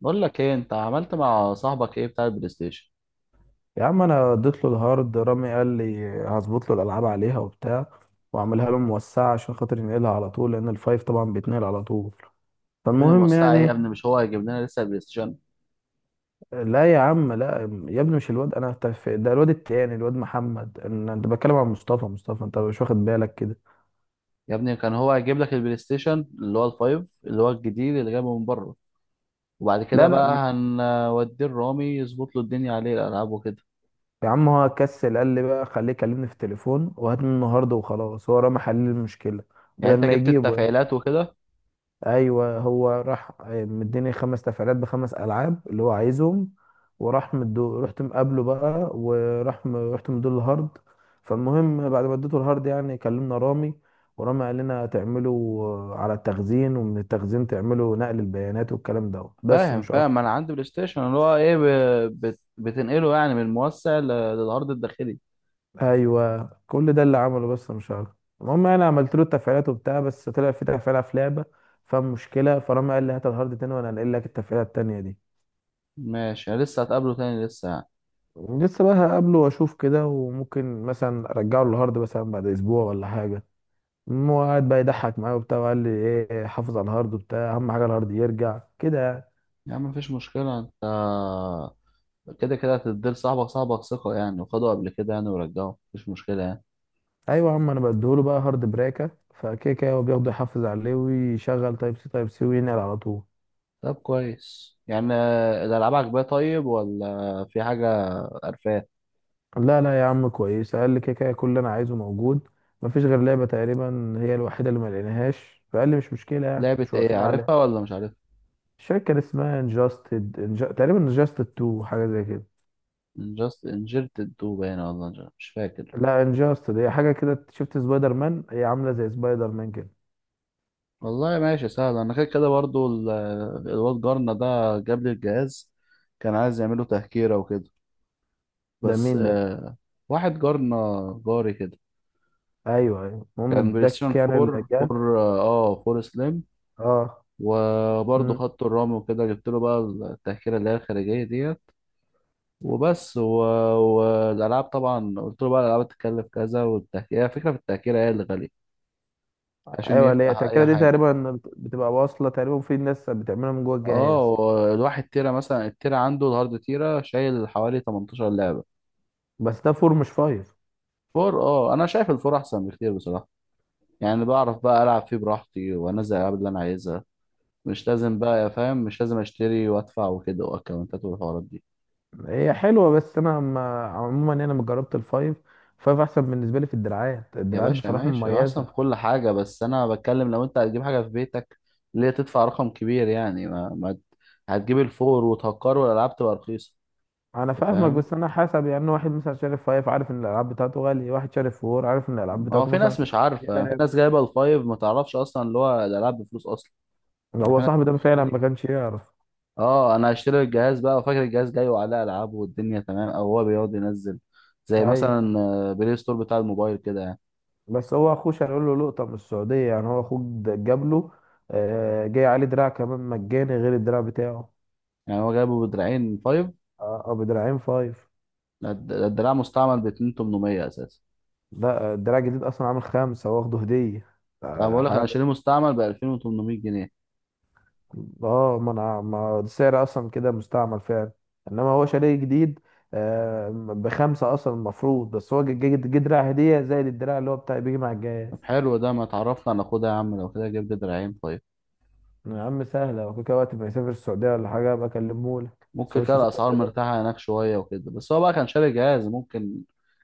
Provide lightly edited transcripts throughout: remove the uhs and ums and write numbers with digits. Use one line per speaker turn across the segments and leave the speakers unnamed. بقول لك ايه؟ انت عملت مع صاحبك ايه بتاع البلاي ستيشن؟
يا عم انا اديت له الهارد. رامي قال لي هظبط له الالعاب عليها وبتاع، واعملها له موسعه عشان خاطر ينقلها على طول، لان الفايف طبعا بيتنقل على طول.
يا ابني
فالمهم
المستعى ايه يا
يعني.
ابني؟ مش هو هيجيب لنا لسه البلاي ستيشن؟
لا يا عم لا يا ابني مش الواد، انا ده الواد التاني، الواد محمد. انا انت بتكلم عن مصطفى. انت مش واخد بالك كده.
يا ابني كان هو هيجيب لك البلاي ستيشن اللي هو الفايف، اللي هو الجديد اللي جايبه من بره، وبعد كده
لا
بقى
لا
هنوديه الرامي يظبط له الدنيا عليه الالعاب وكده.
يا عم، هو كسل. قال لي بقى خليه يكلمني في التليفون وهات منه هارد وخلاص، هو رامي حل المشكله
يعني
بدل
انت
ما
جبت
يجيبه يعني.
التفعيلات وكده؟
ايوه، هو راح مديني خمس تفعيلات بخمس العاب اللي هو عايزهم، وراح مدو رحت مقابله بقى، رحت مديله الهارد. فالمهم بعد ما اديته الهارد يعني كلمنا رامي، ورامي قال لنا تعملوا على التخزين، ومن التخزين تعملوا نقل البيانات، والكلام ده بس
فاهم
مش
فاهم،
اكتر.
انا عندي بلاي ستيشن اللي هو ايه، بتنقله يعني من الموسع للعرض الداخلي.
ايوه كل ده اللي عمله بس مش اكتر. المهم انا عملت له التفعيلات وبتاع، بس طلع في تفعيله في لعبه فمشكله، فرامي قال لي هات الهارد تاني وانا هنقل لك التفعيله التانيه دي.
ماشي، لسه هتقابله تاني لسه يعني؟
لسه بقى هقابله واشوف كده، وممكن مثلا ارجعه للهارد مثلا بعد اسبوع ولا حاجه. هو قاعد بقى يضحك معايا وبتاع، وقال لي ايه، حافظ على الهارد وبتاع، اهم حاجه الهارد يرجع كده يعني.
يا عم مفيش مشكلة، انت كده كده هتديل صاحبك، صاحبك ثقة يعني، وخدوا قبل كده يعني ورجعوا، مفيش مشكلة يعني.
ايوه يا عم، انا بديهوله بقى هارد بريكه، فكده كده هو بياخده يحافظ عليه، ويشغل تايب سي تايب سي وينقل على طول.
طب كويس يعني، الألعاب عجباه، طيب ولا في حاجة قرفاه؟
لا لا يا عم كويس، قال لي كده كده كل اللي انا عايزه موجود. مفيش غير لعبه تقريبا هي الوحيده اللي ما لقيناهاش، فقال لي مش مشكله يعني،
لعبة
مش
إيه؟
واقفين عليها.
عارفها ولا مش عارفها؟
الشركه كان اسمها تقريبا انجاستد 2، حاجه زي كده.
انجست انجرت الدو باينة، والله مش فاكر.
لا انجاستد هي حاجه كده، شفت سبايدر مان، هي عامله زي سبايدر مان كده.
والله ماشي سهل، أنا كده كده برضو الواد جارنا ده جاب لي الجهاز، كان عايز يعمله تهكيرة وكده،
ده
بس
مين ده؟
واحد جارنا، جاري كده.
ايوه ايوه، المهم
كان بلاي
اداك
ستيشن
يعني
4
الاجال.
4 4 سليم،
اه.
وبرضه
مم.
خط الرمل وكده. جبت له بقى التأشيرة اللي هي الخارجية ديت وبس، والألعاب طبعا قلت له بقى الألعاب هتتكلف كذا، والتأشيرة هي فكرة، في التأشيرة هي اللي غالية عشان
ايوه اللي هي
يفتح أي
التأكلة دي
حاجة.
تقريبا بتبقى واصله، تقريبا في ناس بتعملها من جوه الجهاز.
اه، الواحد تيرة مثلا، التيرة عنده الهارد تيرة شايل حوالي 18 لعبة.
بس ده فور مش فايف.
فور، أنا شايف الفور أحسن بكتير بصراحة. يعني بعرف بقى ألعب فيه براحتي وأنزل الألعاب اللي أنا عايزها، مش لازم بقى يا فاهم، مش لازم أشتري وأدفع وكده وأكونتات والحوارات دي.
هي حلوه، بس انا ما عموما يعني انا ما جربت الفايف. فايف احسن بالنسبه لي في الدراعات،
يا
الدراعات
باشا
بصراحه
ماشي، هو احسن
مميزه.
في كل حاجة، بس انا بتكلم لو انت هتجيب حاجة في بيتك، ليه تدفع رقم كبير؟ يعني ما, ما ت- هتجيب الفور وتهكر والالعاب تبقى رخيصة.
انا
أنت
فاهمك،
فاهم؟
بس انا حسب يعني، واحد مثلا شارف فايف عارف ان الالعاب بتاعته غاليه، واحد شارف فور عارف ان الالعاب
ما هو
بتاعته
في
مثلا.
ناس مش عارفة، في
يقدر.
ناس جايبة الفايف ما تعرفش اصلا اللي هو الالعاب بفلوس اصلا. يعني في
هو
ناس
صاحبي ده فعلا ما
بتشتري.
كانش يعرف.
اه، انا هشتري الجهاز بقى وفاكر الجهاز جاي وعليه العاب والدنيا تمام، او هو بيقعد ينزل زي
ايوه،
مثلا بلاي ستور بتاع الموبايل كده يعني.
بس هو اخوه كان يقول له لقطه من السعوديه يعني. هو اخوه جاب له جاي عليه دراع كمان مجاني غير الدراع بتاعه.
يعني هو جايبه بدراعين فايف؟
اه، بدراعين فايف.
ده الدراع مستعمل ب 2800 اساسا.
لا، الدراع الجديد اصلا عامل خمسه، واخده هديه.
انا بقول لك انا
حاجه.
شاريه مستعمل ب 2800 جنيه.
اه، ما انا ما السعر اصلا كده مستعمل فعلا. انما هو شاريه جديد، بخمسه اصلا المفروض. بس هو جه دراع هديه، زائد الدراع اللي هو بتاع بيجي مع الجهاز.
طب حلو ده، ما تعرفنا. على خدها يا عم، لو كده جيب لي دراعين، طيب.
يا عم سهلة، لو كده وقت ما يسافر السعودية ولا حاجة أبقى أكلمهولك، بس
ممكن
هو
كده
مش مسافر
الاسعار
دلوقتي.
مرتاحه هناك شويه وكده، بس هو بقى كان شاري جهاز ممكن،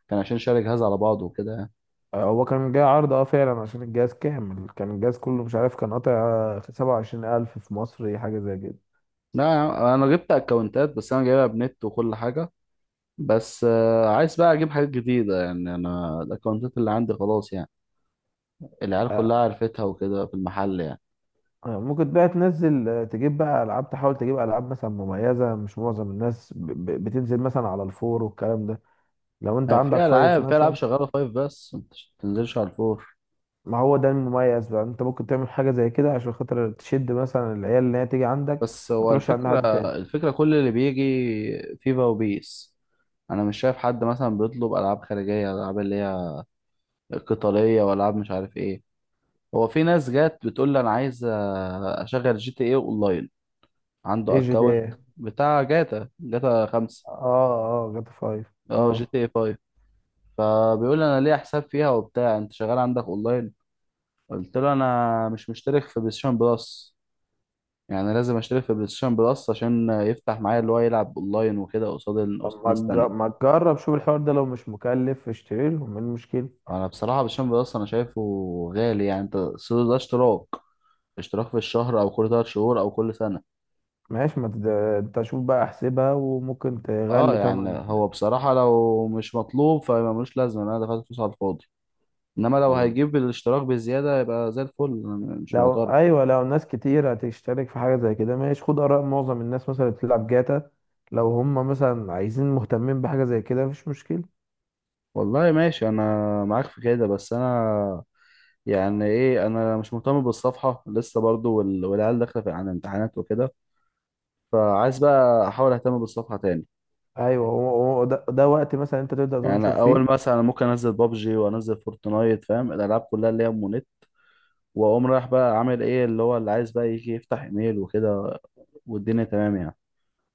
كان عشان شاري جهاز على بعضه وكده يعني.
هو كان جاي عرض اه فعلا، عشان الجهاز كامل، كان الجهاز كله مش عارف، كان قاطع سبعة وعشرين ألف في مصر حاجة زي كده.
لا يا عم، انا جبت اكونتات، بس انا جايبها بنت وكل حاجه، بس عايز بقى اجيب حاجات جديده يعني، انا الاكونتات اللي عندي خلاص يعني، العيال كلها
آه،
عرفتها وكده في المحل يعني.
ممكن بقى تنزل، تجيب بقى ألعاب، تحاول تجيب ألعاب مثلا مميزة، مش معظم الناس بتنزل مثلا على الفور والكلام ده. لو أنت
يعني
عندك
في
فايف
العاب في العاب
مثلا،
شغاله فايف بس ما تنزلش على الفور.
ما هو ده المميز بقى. أنت ممكن تعمل حاجة زي كده عشان خاطر تشد مثلا العيال اللي هي تيجي عندك،
بس
ما
هو
تروحش عند
الفكرة،
حد تاني.
الفكرة كل اللي بيجي فيفا وبيس. أنا مش شايف حد مثلا بيطلب ألعاب خارجية، ألعاب اللي هي قتالية وألعاب مش عارف إيه. هو في ناس جات بتقول لي أنا عايز أشغل جي تي إيه أونلاين، عنده
ايه جي تي
أكونت
إيه؟
بتاع جاتا خمسة.
اه اه، جاتا فايف.
أه جي
اه.
تي إيه فايف. فبيقول لي أنا ليه حساب فيها وبتاع، أنت شغال عندك أونلاين؟ قلت له أنا مش مشترك في بلايستيشن بلس، يعني لازم أشترك في بلايستيشن بلس عشان يفتح معايا اللي هو يلعب أونلاين وكده قصاد
طب
قصاد ناس تانية.
ما تجرب شوف الحوار ده، لو مش مكلف اشتري لهم، ايه المشكلة؟
انا بصراحه بالشامب اصلا، انا شايفه غالي يعني، انت السوق ده اشتراك، اشتراك في الشهر او كل 3 شهور او كل سنه.
ماشي، ما تد... انت شوف بقى احسبها وممكن
اه،
تغلي
يعني
تمن.
هو بصراحه لو مش مطلوب فملوش لازمه إن انا دفعت فلوس على الفاضي، انما لو
مم.
هيجيب الاشتراك بزياده يبقى زي الفل، أنا مش
لو
معترض.
ايوه، لو ناس كتير هتشترك في حاجة زي كده، ماشي، خد آراء معظم الناس مثلا اللي بتلعب جاتا، لو هم مثلا عايزين مهتمين بحاجة زي كده مفيش مشكلة.
والله ماشي، انا معاك في كده، بس انا يعني ايه، انا مش مهتم بالصفحه لسه برضو، والعيال داخله على امتحانات وكده، فعايز بقى احاول اهتم بالصفحه تاني.
ايوه، هو ده، وقت مثلا انت تبدأ
يعني
تنشر
أنا اول
فيه.
مثلا، أنا ممكن انزل بابجي وانزل فورتنايت، فاهم، الالعاب كلها اللي هي مونيت، واقوم رايح بقى عامل ايه اللي هو اللي عايز بقى يجي يفتح ايميل وكده، والدنيا تمام يعني.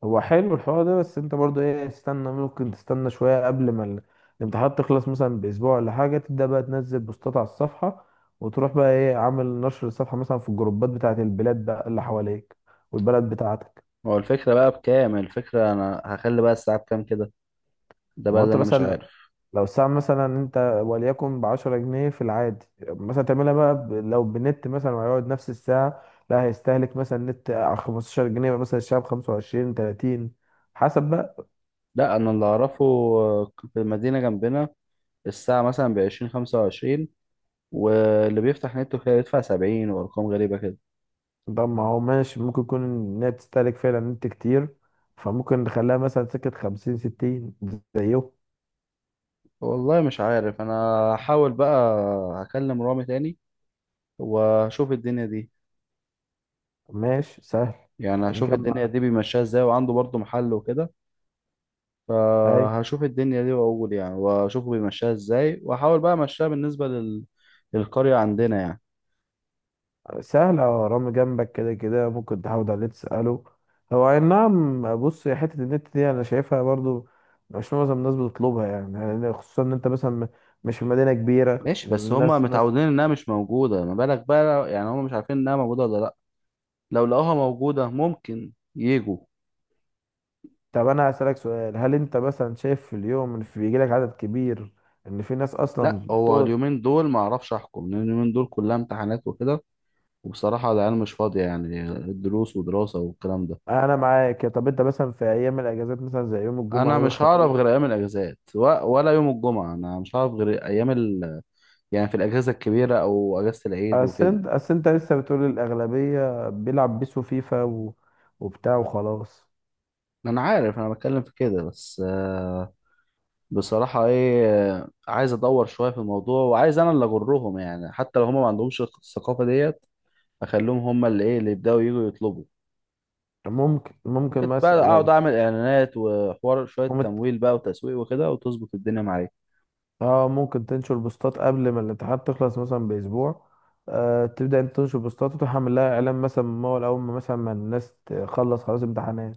هو حلو الحوار ده، بس انت برضو ايه، استنى ممكن تستنى شوية قبل ما الامتحانات تخلص مثلا بأسبوع ولا حاجة، تبدأ بقى تنزل بوستات على الصفحة، وتروح بقى ايه عامل نشر الصفحة مثلا في الجروبات بتاعة البلاد بقى اللي حواليك والبلد بتاعتك.
هو الفكره بقى بكام؟ الفكره انا هخلي بقى الساعه بكام كده، ده
ما
بقى
هو
اللي
انت
انا مش
مثلا،
عارف.
لو الساعة مثلا انت وليكن بعشرة جنيه في العادي، مثلا تعملها بقى لو بنت مثلا، وهيقعد نفس الساعة، لا، هيستهلك مثلا نت على 15 جنيه، يبقى مثلا الشعب 25 30 حسب.
لا، انا اللي اعرفه في المدينه جنبنا الساعه مثلا بعشرين، 25، واللي بيفتح نت وكده يدفع 70 وارقام غريبه كده.
طب ما هو ماشي، ممكن يكون إنها بتستهلك فعلا نت كتير، فممكن نخليها مثلا سكة خمسين ستين زيه.
والله مش عارف انا، هحاول بقى، هكلم رامي تاني واشوف الدنيا دي.
ماشي سهل.
يعني
انت كده
هشوف
كده
الدنيا
معاك.
دي بيمشيها ازاي، وعنده برضه محل وكده،
أي.
فهشوف الدنيا دي واقول يعني، واشوفه بيمشيها ازاي واحاول بقى امشيها بالنسبة للقرية عندنا يعني.
سهل، أه رامي جنبك كده كده ممكن تحاول عليه تسأله. هو أي نعم، بص يا حتة النت دي أنا شايفها برضو مش معظم الناس بتطلبها يعني، يعني خصوصا إن أنت مثلا مش في مدينة كبيرة،
ماشي، بس هما
الناس ناس.
متعودين انها مش موجودة، ما بالك بقى يعني هما مش عارفين انها موجودة ولا لا، لو لقوها موجودة ممكن يجوا.
طب أنا هسألك سؤال، هل أنت مثلا شايف في اليوم إن بيجيلك عدد كبير، إن في ناس
لا،
أصلا؟
هو اليومين دول ما اعرفش احكم، لان اليومين دول كلها امتحانات وكده، وبصراحة العيال مش فاضية يعني، الدروس ودراسة والكلام ده.
انا معاك. طب انت مثلا في ايام الاجازات مثلا زي يوم الجمعه
انا
يوم
مش هعرف
الخميس؟
غير ايام الاجازات ولا يوم الجمعة، انا مش هعرف غير ايام يعني في الأجازة الكبيرة أو أجازة العيد
اصل
وكده.
انت اصل انت لسه بتقول الاغلبيه بيلعب بيسو فيفا و... وبتاع وخلاص.
أنا عارف أنا بتكلم في كده، بس بصراحة إيه، عايز أدور شوية في الموضوع وعايز أنا اللي أجرهم يعني، حتى لو هما ما عندهمش الثقافة ديت أخليهم هما اللي إيه اللي يبدأوا يجوا يطلبوا.
ممكن ممكن
ممكن بقى أقعد
مثلا
أعمل إعلانات وحوار، شوية
ممكن
تمويل بقى وتسويق وكده وتظبط الدنيا معايا.
اه ممكن تنشر بوستات قبل ما الامتحانات تخلص مثلا باسبوع، آه تبدا انت تنشر بوستات، وتروح عامل لها اعلان مثلا من اول ما مثلا ما الناس تخلص خلاص امتحانات.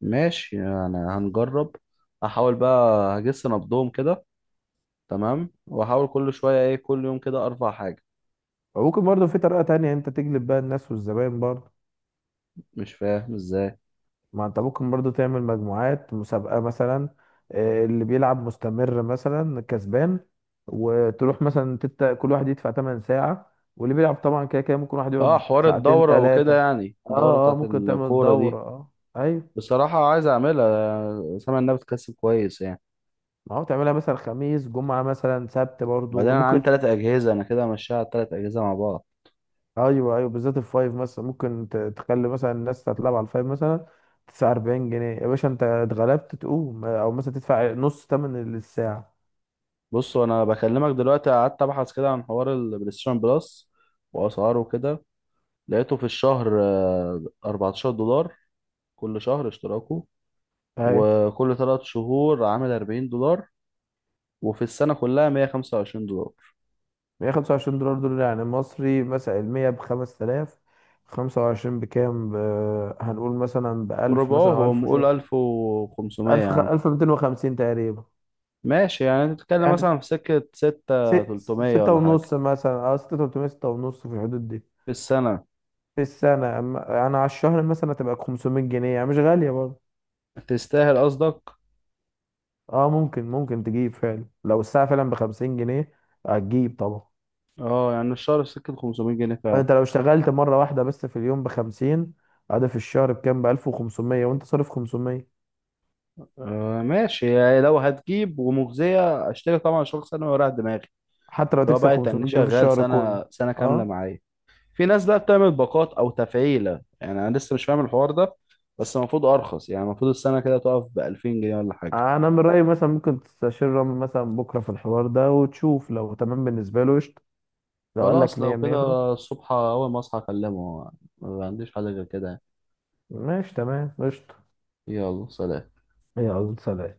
ماشي يعني هنجرب، أحاول بقى أجس نبضهم كده، تمام، وأحاول كل شوية إيه، كل يوم كده أرفع حاجة.
وممكن برضه في طريقه تانية انت تجلب بقى الناس والزباين برضه.
مش فاهم إزاي.
ما انت ممكن برضو تعمل مجموعات مسابقة مثلا، اللي بيلعب مستمر مثلا كسبان، وتروح مثلا كل واحد يدفع 8 ساعة، واللي بيلعب طبعا كده كده ممكن واحد
اه،
يقعد
حوار
ساعتين
الدورة
ثلاثة.
وكده، يعني الدورة
اه
بتاعت
ممكن تعمل
الكورة
دورة،
دي.
اه ايوه.
بصراحة عايز اعملها، سامع انها بتكسب كويس يعني.
ما هو تعملها مثلا خميس جمعة مثلا سبت
بعدين
برضو
انا
ممكن.
عندي تلات اجهزة، انا كده همشيها على التلات اجهزة مع بعض.
ايوه ايوه، بالذات الفايف مثلا ممكن تخلي مثلا الناس تتلعب على الفايف مثلا، تدفع 40 جنيه يا باشا انت اتغلبت تقوم، او مثلا تدفع نص تمن الساعة.
بص، انا بكلمك دلوقتي قعدت ابحث كده عن حوار البلايستيشن بلس واسعاره وكده. لقيته في الشهر 14 دولار كل شهر اشتراكه،
ايوه.
وكل 3 شهور عامل 40 دولار، وفي السنة كلها 125 دولار.
125 دولار دول يعني مصري مثلا، المية بخمس تلاف، خمسة وعشرين بكام ب... هنقول مثلا بألف مثلا أو ألف
ربعهم قول
وشوية.
1500 يا عم.
ألف ميتين وخمسين تقريبا.
ماشي يعني تتكلم مثلا
يعني
في سكة
س...
ستة تلتمية
ستة
ولا حاجة
ونص مثلا أو ستة تلتمية، ستة ونص في الحدود دي.
في السنة.
في السنة أما يعني على الشهر مثلا تبقى خمسمية جنيه، يعني مش غالية برضه.
تستاهل قصدك.
اه ممكن، ممكن تجيب فعلا لو الساعة فعلا بخمسين جنيه هتجيب طبعا.
اه، يعني الشهر في سكة 500 جنيه فعلا.
انت لو اشتغلت مرة واحدة بس في اليوم بخمسين، هذا في الشهر بكام؟ بألف وخمسمية، وانت صارف خمسمية.
آه ماشي، يعني لو هتجيب ومجزية اشتري طبعا، شخص سنة وراح دماغي،
حتى لو
اللي هو
تكسب
بقى
500
يتني
جنيه في
شغال
الشهر كله.
سنة سنة كاملة
اه،
معايا. في ناس بقى بتعمل باقات أو تفعيلة يعني، أنا لسه مش فاهم الحوار ده، بس المفروض أرخص، يعني المفروض السنة كده تقف بألفين جنيه ولا حاجة.
انا من رايي مثلا ممكن تستشير رامي مثلا بكره في الحوار ده، وتشوف لو تمام بالنسبه له قشطه. لو قال لك
خلاص لو
100،
كده،
100 خلاص.
الصبح أول ما أصحى أكلمه، ما عنديش حاجة غير كده.
ماشي تمام قشطه.
يلا سلام.
يلا سلام.